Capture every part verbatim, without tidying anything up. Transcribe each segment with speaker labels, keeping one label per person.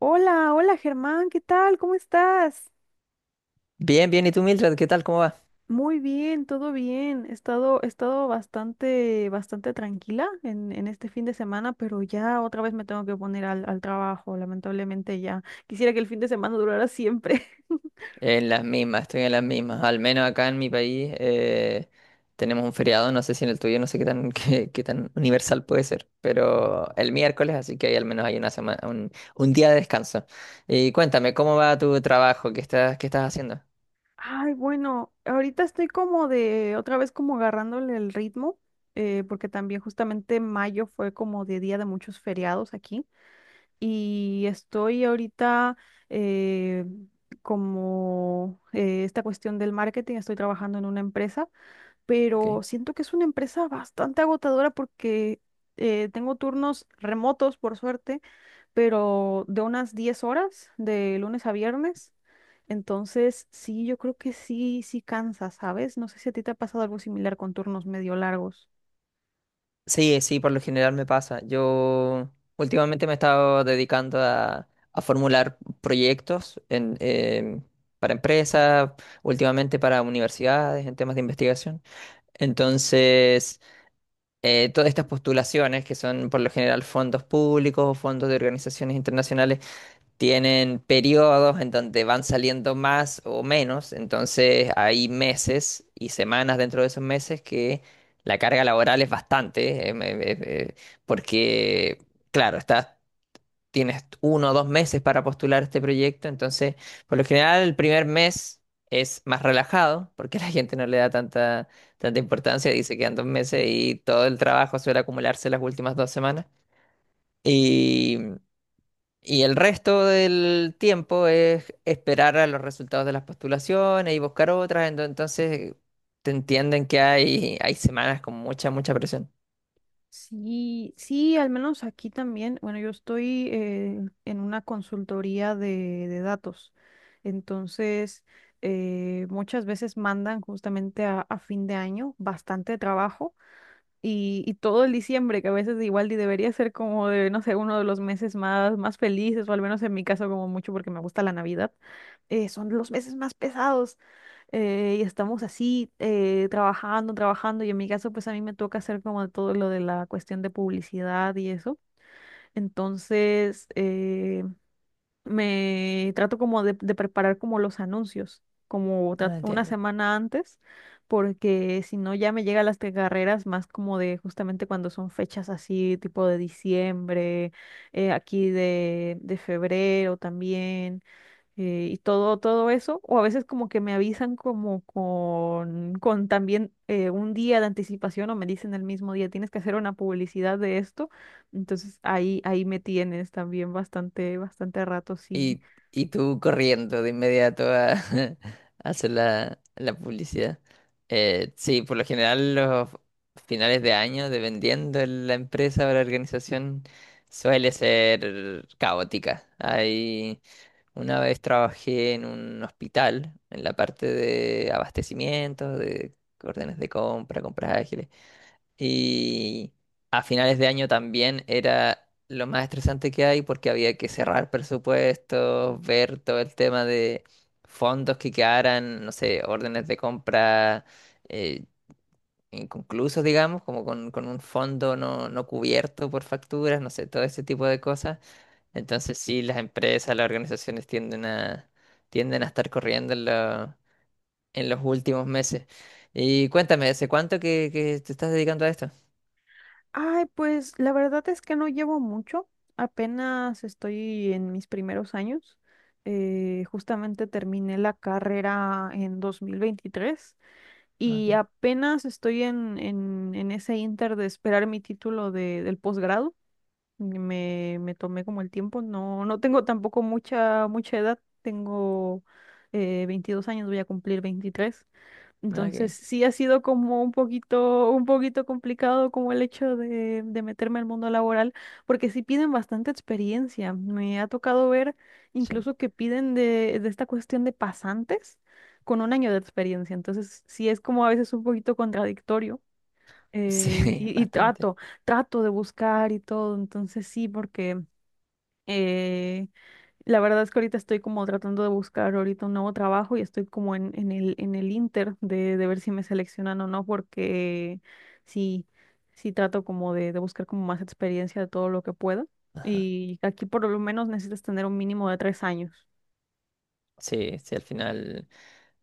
Speaker 1: Hola, hola Germán, ¿qué tal? ¿Cómo estás?
Speaker 2: Bien, bien. ¿Y tú, Mildred? ¿Qué tal? ¿Cómo va?
Speaker 1: Muy bien, todo bien. He estado, he estado bastante, bastante tranquila en, en este fin de semana, pero ya otra vez me tengo que poner al, al trabajo, lamentablemente ya. Quisiera que el fin de semana durara siempre.
Speaker 2: En las mismas, estoy en las mismas. Al menos acá en mi país eh, tenemos un feriado, no sé si en el tuyo, no sé qué tan, qué, qué tan universal puede ser, pero el miércoles, así que ahí al menos hay una semana, un, un día de descanso. Y cuéntame, ¿cómo va tu trabajo? ¿Qué estás, qué estás haciendo?
Speaker 1: Ay, bueno, ahorita estoy como de, otra vez como agarrándole el ritmo, eh, porque también justamente mayo fue como de día de muchos feriados aquí. Y estoy ahorita eh, como eh, esta cuestión del marketing, estoy trabajando en una empresa,
Speaker 2: Ok.
Speaker 1: pero siento que es una empresa bastante agotadora porque eh, tengo turnos remotos, por suerte, pero de unas diez horas, de lunes a viernes. Entonces, sí, yo creo que sí, sí cansa, ¿sabes? No sé si a ti te ha pasado algo similar con turnos medio largos.
Speaker 2: Sí, sí, por lo general me pasa. Yo últimamente me he estado dedicando a, a formular proyectos en, em, para empresas, últimamente para universidades, en temas de investigación. Entonces, eh, todas estas postulaciones, que son por lo general fondos públicos, o fondos de organizaciones internacionales, tienen periodos en donde van saliendo más o menos, entonces hay meses y semanas dentro de esos meses que la carga laboral es bastante, em, em, em, eh, porque, claro, estás, tienes uno o dos meses para postular este proyecto, entonces, por lo general, el primer mes es más relajado, porque la gente no le da tanta, tanta importancia, dice que quedan dos meses y todo el trabajo suele acumularse las últimas dos semanas. Y el resto del tiempo es esperar a los resultados de las postulaciones y buscar otras. ento- Entonces te entienden que hay, hay semanas con mucha, mucha presión.
Speaker 1: Sí, sí, al menos aquí también. Bueno, yo estoy eh, en una consultoría de, de datos. Entonces, eh, muchas veces mandan justamente a, a fin de año bastante trabajo y, y todo el diciembre, que a veces igual y debería ser como de, no sé, uno de los meses más, más felices, o al menos en mi caso como mucho porque me gusta la Navidad, eh, son los meses más pesados. Eh, y estamos así, eh, trabajando, trabajando, y en mi caso, pues a mí me toca hacer como todo lo de la cuestión de publicidad y eso. Entonces, eh, me trato como de, de preparar como los anuncios, como
Speaker 2: No
Speaker 1: tra- una
Speaker 2: entiendo.
Speaker 1: semana antes, porque si no ya me llegan las que- carreras más como de justamente cuando son fechas así, tipo de diciembre, eh, aquí de, de febrero también eh, y todo, todo eso, o a veces como que me avisan como con, con también eh, un día de anticipación o me dicen el mismo día, tienes que hacer una publicidad de esto, entonces ahí, ahí me tienes también bastante, bastante rato, sí.
Speaker 2: Y, y tú corriendo de inmediato a, a hacer la, la publicidad. Eh, sí, por lo general los finales de año, dependiendo de la empresa o la organización, suele ser caótica. Hay. Una vez trabajé en un hospital, en la parte de abastecimientos, de órdenes de compra, compras ágiles. Y a finales de año también era lo más estresante que hay porque había que cerrar presupuestos, ver todo el tema de fondos que quedaran, no sé, órdenes de compra eh, inconclusos, digamos, como con, con un fondo no, no cubierto por facturas, no sé, todo ese tipo de cosas. Entonces sí, las empresas, las organizaciones tienden a, tienden a estar corriendo en, lo- en los últimos meses. Y cuéntame, ¿hace cuánto que, que te estás dedicando a esto?
Speaker 1: Ay, pues la verdad es que no llevo mucho, apenas estoy en mis primeros años, eh, justamente terminé la carrera en dos mil veintitrés.
Speaker 2: Ok,
Speaker 1: Y apenas estoy en, en, en ese inter de esperar mi título de, del posgrado. Me, me tomé como el tiempo. No, no tengo tampoco mucha, mucha edad. Tengo eh, veintidós años, voy a cumplir veintitrés. Entonces
Speaker 2: ok,
Speaker 1: sí ha sido como un poquito, un poquito complicado como el hecho de, de meterme al mundo laboral, porque sí piden bastante experiencia. Me ha tocado ver
Speaker 2: sí.
Speaker 1: incluso que piden de, de esta cuestión de pasantes con un año de experiencia. Entonces sí es como a veces un poquito contradictorio. Eh,
Speaker 2: Sí,
Speaker 1: y, y
Speaker 2: bastante.
Speaker 1: trato, trato de buscar y todo. Entonces sí, porque eh, la verdad es que ahorita estoy como tratando de buscar ahorita un nuevo trabajo y estoy como en, en el, en el inter de, de ver si me seleccionan o no, porque sí, sí trato como de, de buscar como más experiencia de todo lo que pueda. Y aquí por lo menos necesitas tener un mínimo de tres años.
Speaker 2: Sí, sí, al final,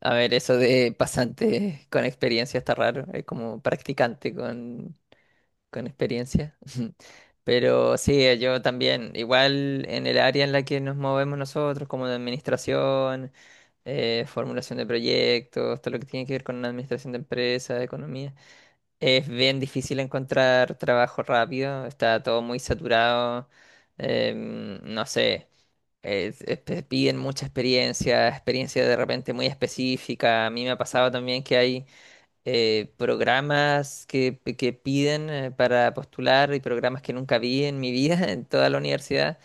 Speaker 2: a ver, eso de pasante con experiencia está raro, es como practicante con, con experiencia. Pero sí, eh, yo también, igual en el área en la que nos movemos nosotros, como de administración, eh, formulación de proyectos, todo lo que tiene que ver con la administración de empresas, economía, es bien difícil encontrar trabajo rápido, está todo muy saturado, em, no sé. Es- es- pe- piden mucha experiencia, experiencia de repente muy específica. A mí me ha pasado también que hay eh, programas que, que piden eh, para postular y programas que nunca vi en mi vida, en toda la universidad.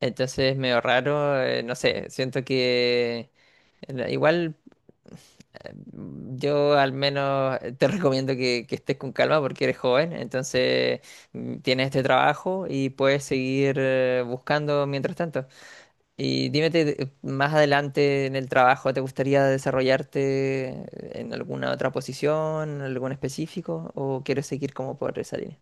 Speaker 2: Entonces, medio raro, eh, no sé, siento que eh, igual eh, yo al menos eh, te recomiendo que, que estés con calma porque eres joven, entonces mm, tienes este trabajo y puedes seguir eh, buscando mientras tanto. Y dime, te- eh, más adelante en el trabajo, ¿te gustaría desarrollarte en alguna otra posición, en algún específico, o quieres seguir como por esa línea?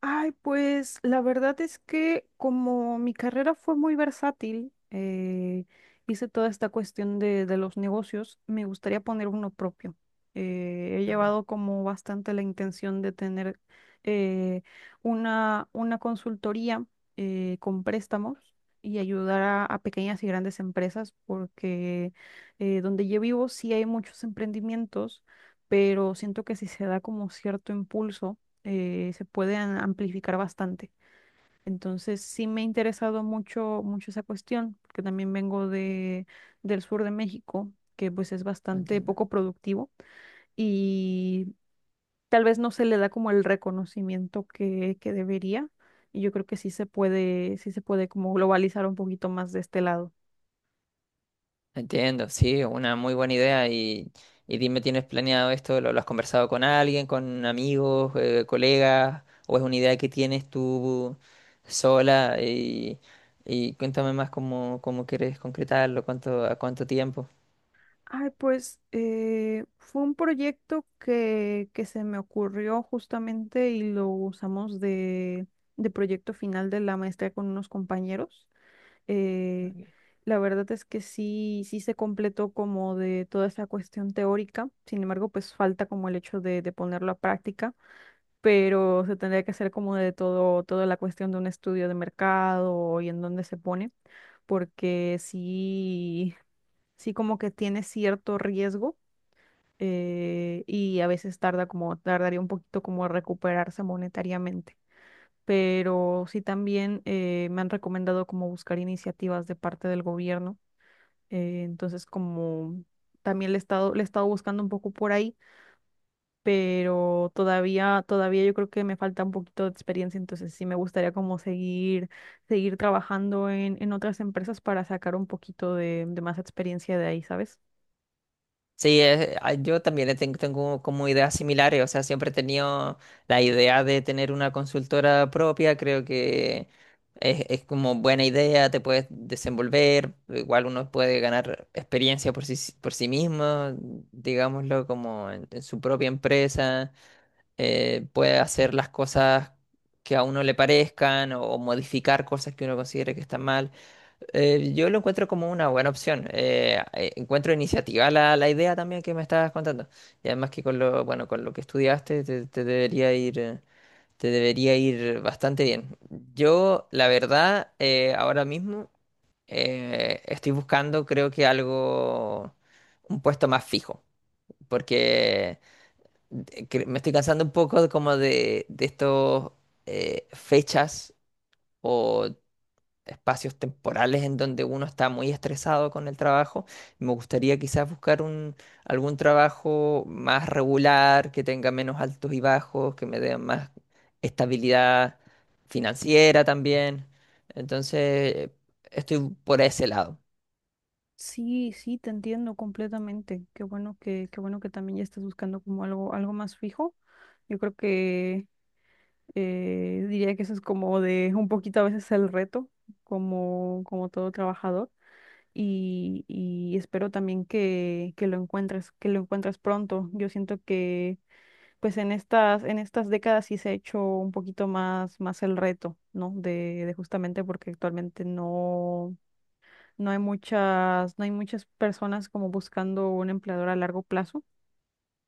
Speaker 1: Ay, pues la verdad es que como mi carrera fue muy versátil, eh, hice toda esta cuestión de, de los negocios, me gustaría poner uno propio. Eh, he
Speaker 2: Ok,
Speaker 1: llevado como bastante la intención de tener eh, una, una consultoría eh, con préstamos y ayudar a, a pequeñas y grandes empresas porque eh, donde yo vivo sí hay muchos emprendimientos, pero siento que si se da como cierto impulso eh, se pueden amplificar bastante. Entonces, sí me ha interesado mucho, mucho esa cuestión, porque también vengo de, del sur de México, que pues es bastante
Speaker 2: entiendo.
Speaker 1: poco productivo y tal vez no se le da como el reconocimiento que, que debería. Y yo creo que sí se puede, sí se puede como globalizar un poquito más de este lado.
Speaker 2: Entiendo, sí, una muy buena idea. Y, y dime, ¿tienes planeado esto? ¿Lo, lo has conversado con alguien, con amigos, eh, colegas? ¿O es una idea que tienes tú sola? Y, y cuéntame más cómo, cómo quieres concretarlo, cuánto, a cuánto tiempo.
Speaker 1: Ay, pues eh, fue un proyecto que, que se me ocurrió justamente y lo usamos de, de proyecto final de la maestría con unos compañeros. Eh, la verdad es que sí, sí se completó como de toda esa cuestión teórica, sin embargo, pues falta como el hecho de, de ponerlo a práctica, pero se tendría que hacer como de todo, toda la cuestión de un estudio de mercado y en dónde se pone, porque sí, sí como que tiene cierto riesgo eh, y a veces tarda como, tardaría un poquito como recuperarse monetariamente. Pero sí también eh, me han recomendado como buscar iniciativas de parte del gobierno. Eh, entonces como también le he estado, le he estado buscando un poco por ahí, pero todavía, todavía yo creo que me falta un poquito de experiencia. Entonces sí me gustaría como seguir, seguir trabajando en, en otras empresas para sacar un poquito de, de más experiencia de ahí, ¿sabes?
Speaker 2: Sí, es- ah, yo también he ten- tengo como ideas similares, o sea, siempre he tenido la idea de tener una consultora propia, creo que es, es como buena idea, te puedes desenvolver, igual uno puede ganar experiencia por sí, por sí mismo, digámoslo, como en, en su propia empresa, eh, puede hacer las cosas que a uno le parezcan o, o modificar cosas que uno considere que están mal. Eh, yo lo encuentro como una buena opción. Eh, eh, encuentro iniciativa la, la idea también que me estabas contando. Y además que con lo, bueno, con lo que estudiaste te, te debería ir, eh, te debería ir bastante bien. Yo, la verdad, eh, ahora mismo eh, estoy buscando, creo que algo, un puesto más fijo. Porque de- que me estoy cansando un poco de como de, de estos eh, fechas o espacios temporales en donde uno está muy estresado con el trabajo. Me gustaría quizás buscar un, algún trabajo más regular, que tenga menos altos y bajos, que me dé más estabilidad financiera también. Entonces, estoy por ese lado.
Speaker 1: Sí, sí, te entiendo completamente. Qué bueno que, qué bueno que también ya estás buscando como algo, algo más fijo. Yo creo que eh, diría que eso es como de un poquito a veces el reto, como, como todo trabajador. Y, y espero también que, que lo encuentres, que lo encuentres pronto. Yo siento que pues en estas, en estas décadas sí se ha hecho un poquito más, más el reto, ¿no? De, de justamente porque actualmente no. No hay muchas, no hay muchas personas como buscando un empleador a largo plazo.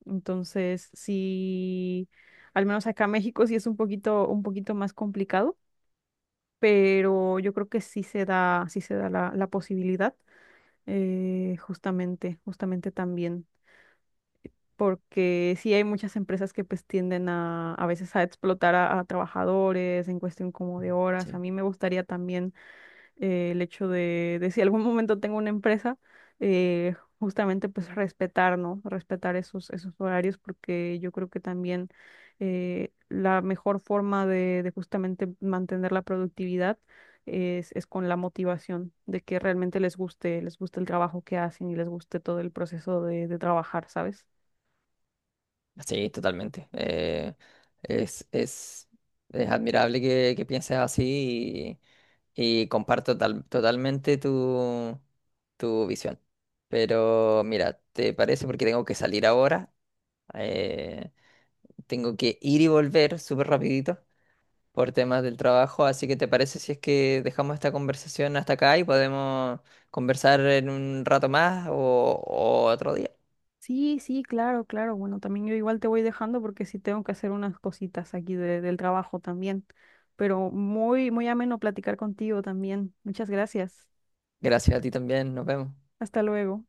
Speaker 1: Entonces, sí, al menos acá en México sí es un poquito, un poquito más complicado, pero yo creo que sí se da, sí se da la, la posibilidad, eh, justamente, justamente también. Porque sí hay muchas empresas que pues tienden a, a veces a explotar a, a trabajadores en cuestión como de horas. A
Speaker 2: Sí.
Speaker 1: mí me gustaría también eh, el hecho de, de si algún momento tengo una empresa, eh, justamente pues respetar, ¿no? Respetar esos, esos horarios porque yo creo que también eh, la mejor forma de, de justamente mantener la productividad es, es con la motivación de que realmente les guste, les guste el trabajo que hacen y les guste todo el proceso de, de trabajar, ¿sabes?
Speaker 2: Sí, totalmente. Eh, es, es, es admirable que, que pienses así y, y comparto tal- totalmente tu, tu visión. Pero mira, ¿te parece? Porque tengo que salir ahora. eh, Tengo que ir y volver súper rapidito por temas del trabajo. Así que ¿te parece si es que dejamos esta conversación hasta acá y podemos conversar en un rato más o o otro día?
Speaker 1: Sí, sí, claro, claro. Bueno, también yo igual te voy dejando porque sí tengo que hacer unas cositas aquí de- del trabajo también. Pero muy, muy ameno platicar contigo también. Muchas gracias.
Speaker 2: Gracias a ti también. Nos vemos.
Speaker 1: Hasta luego.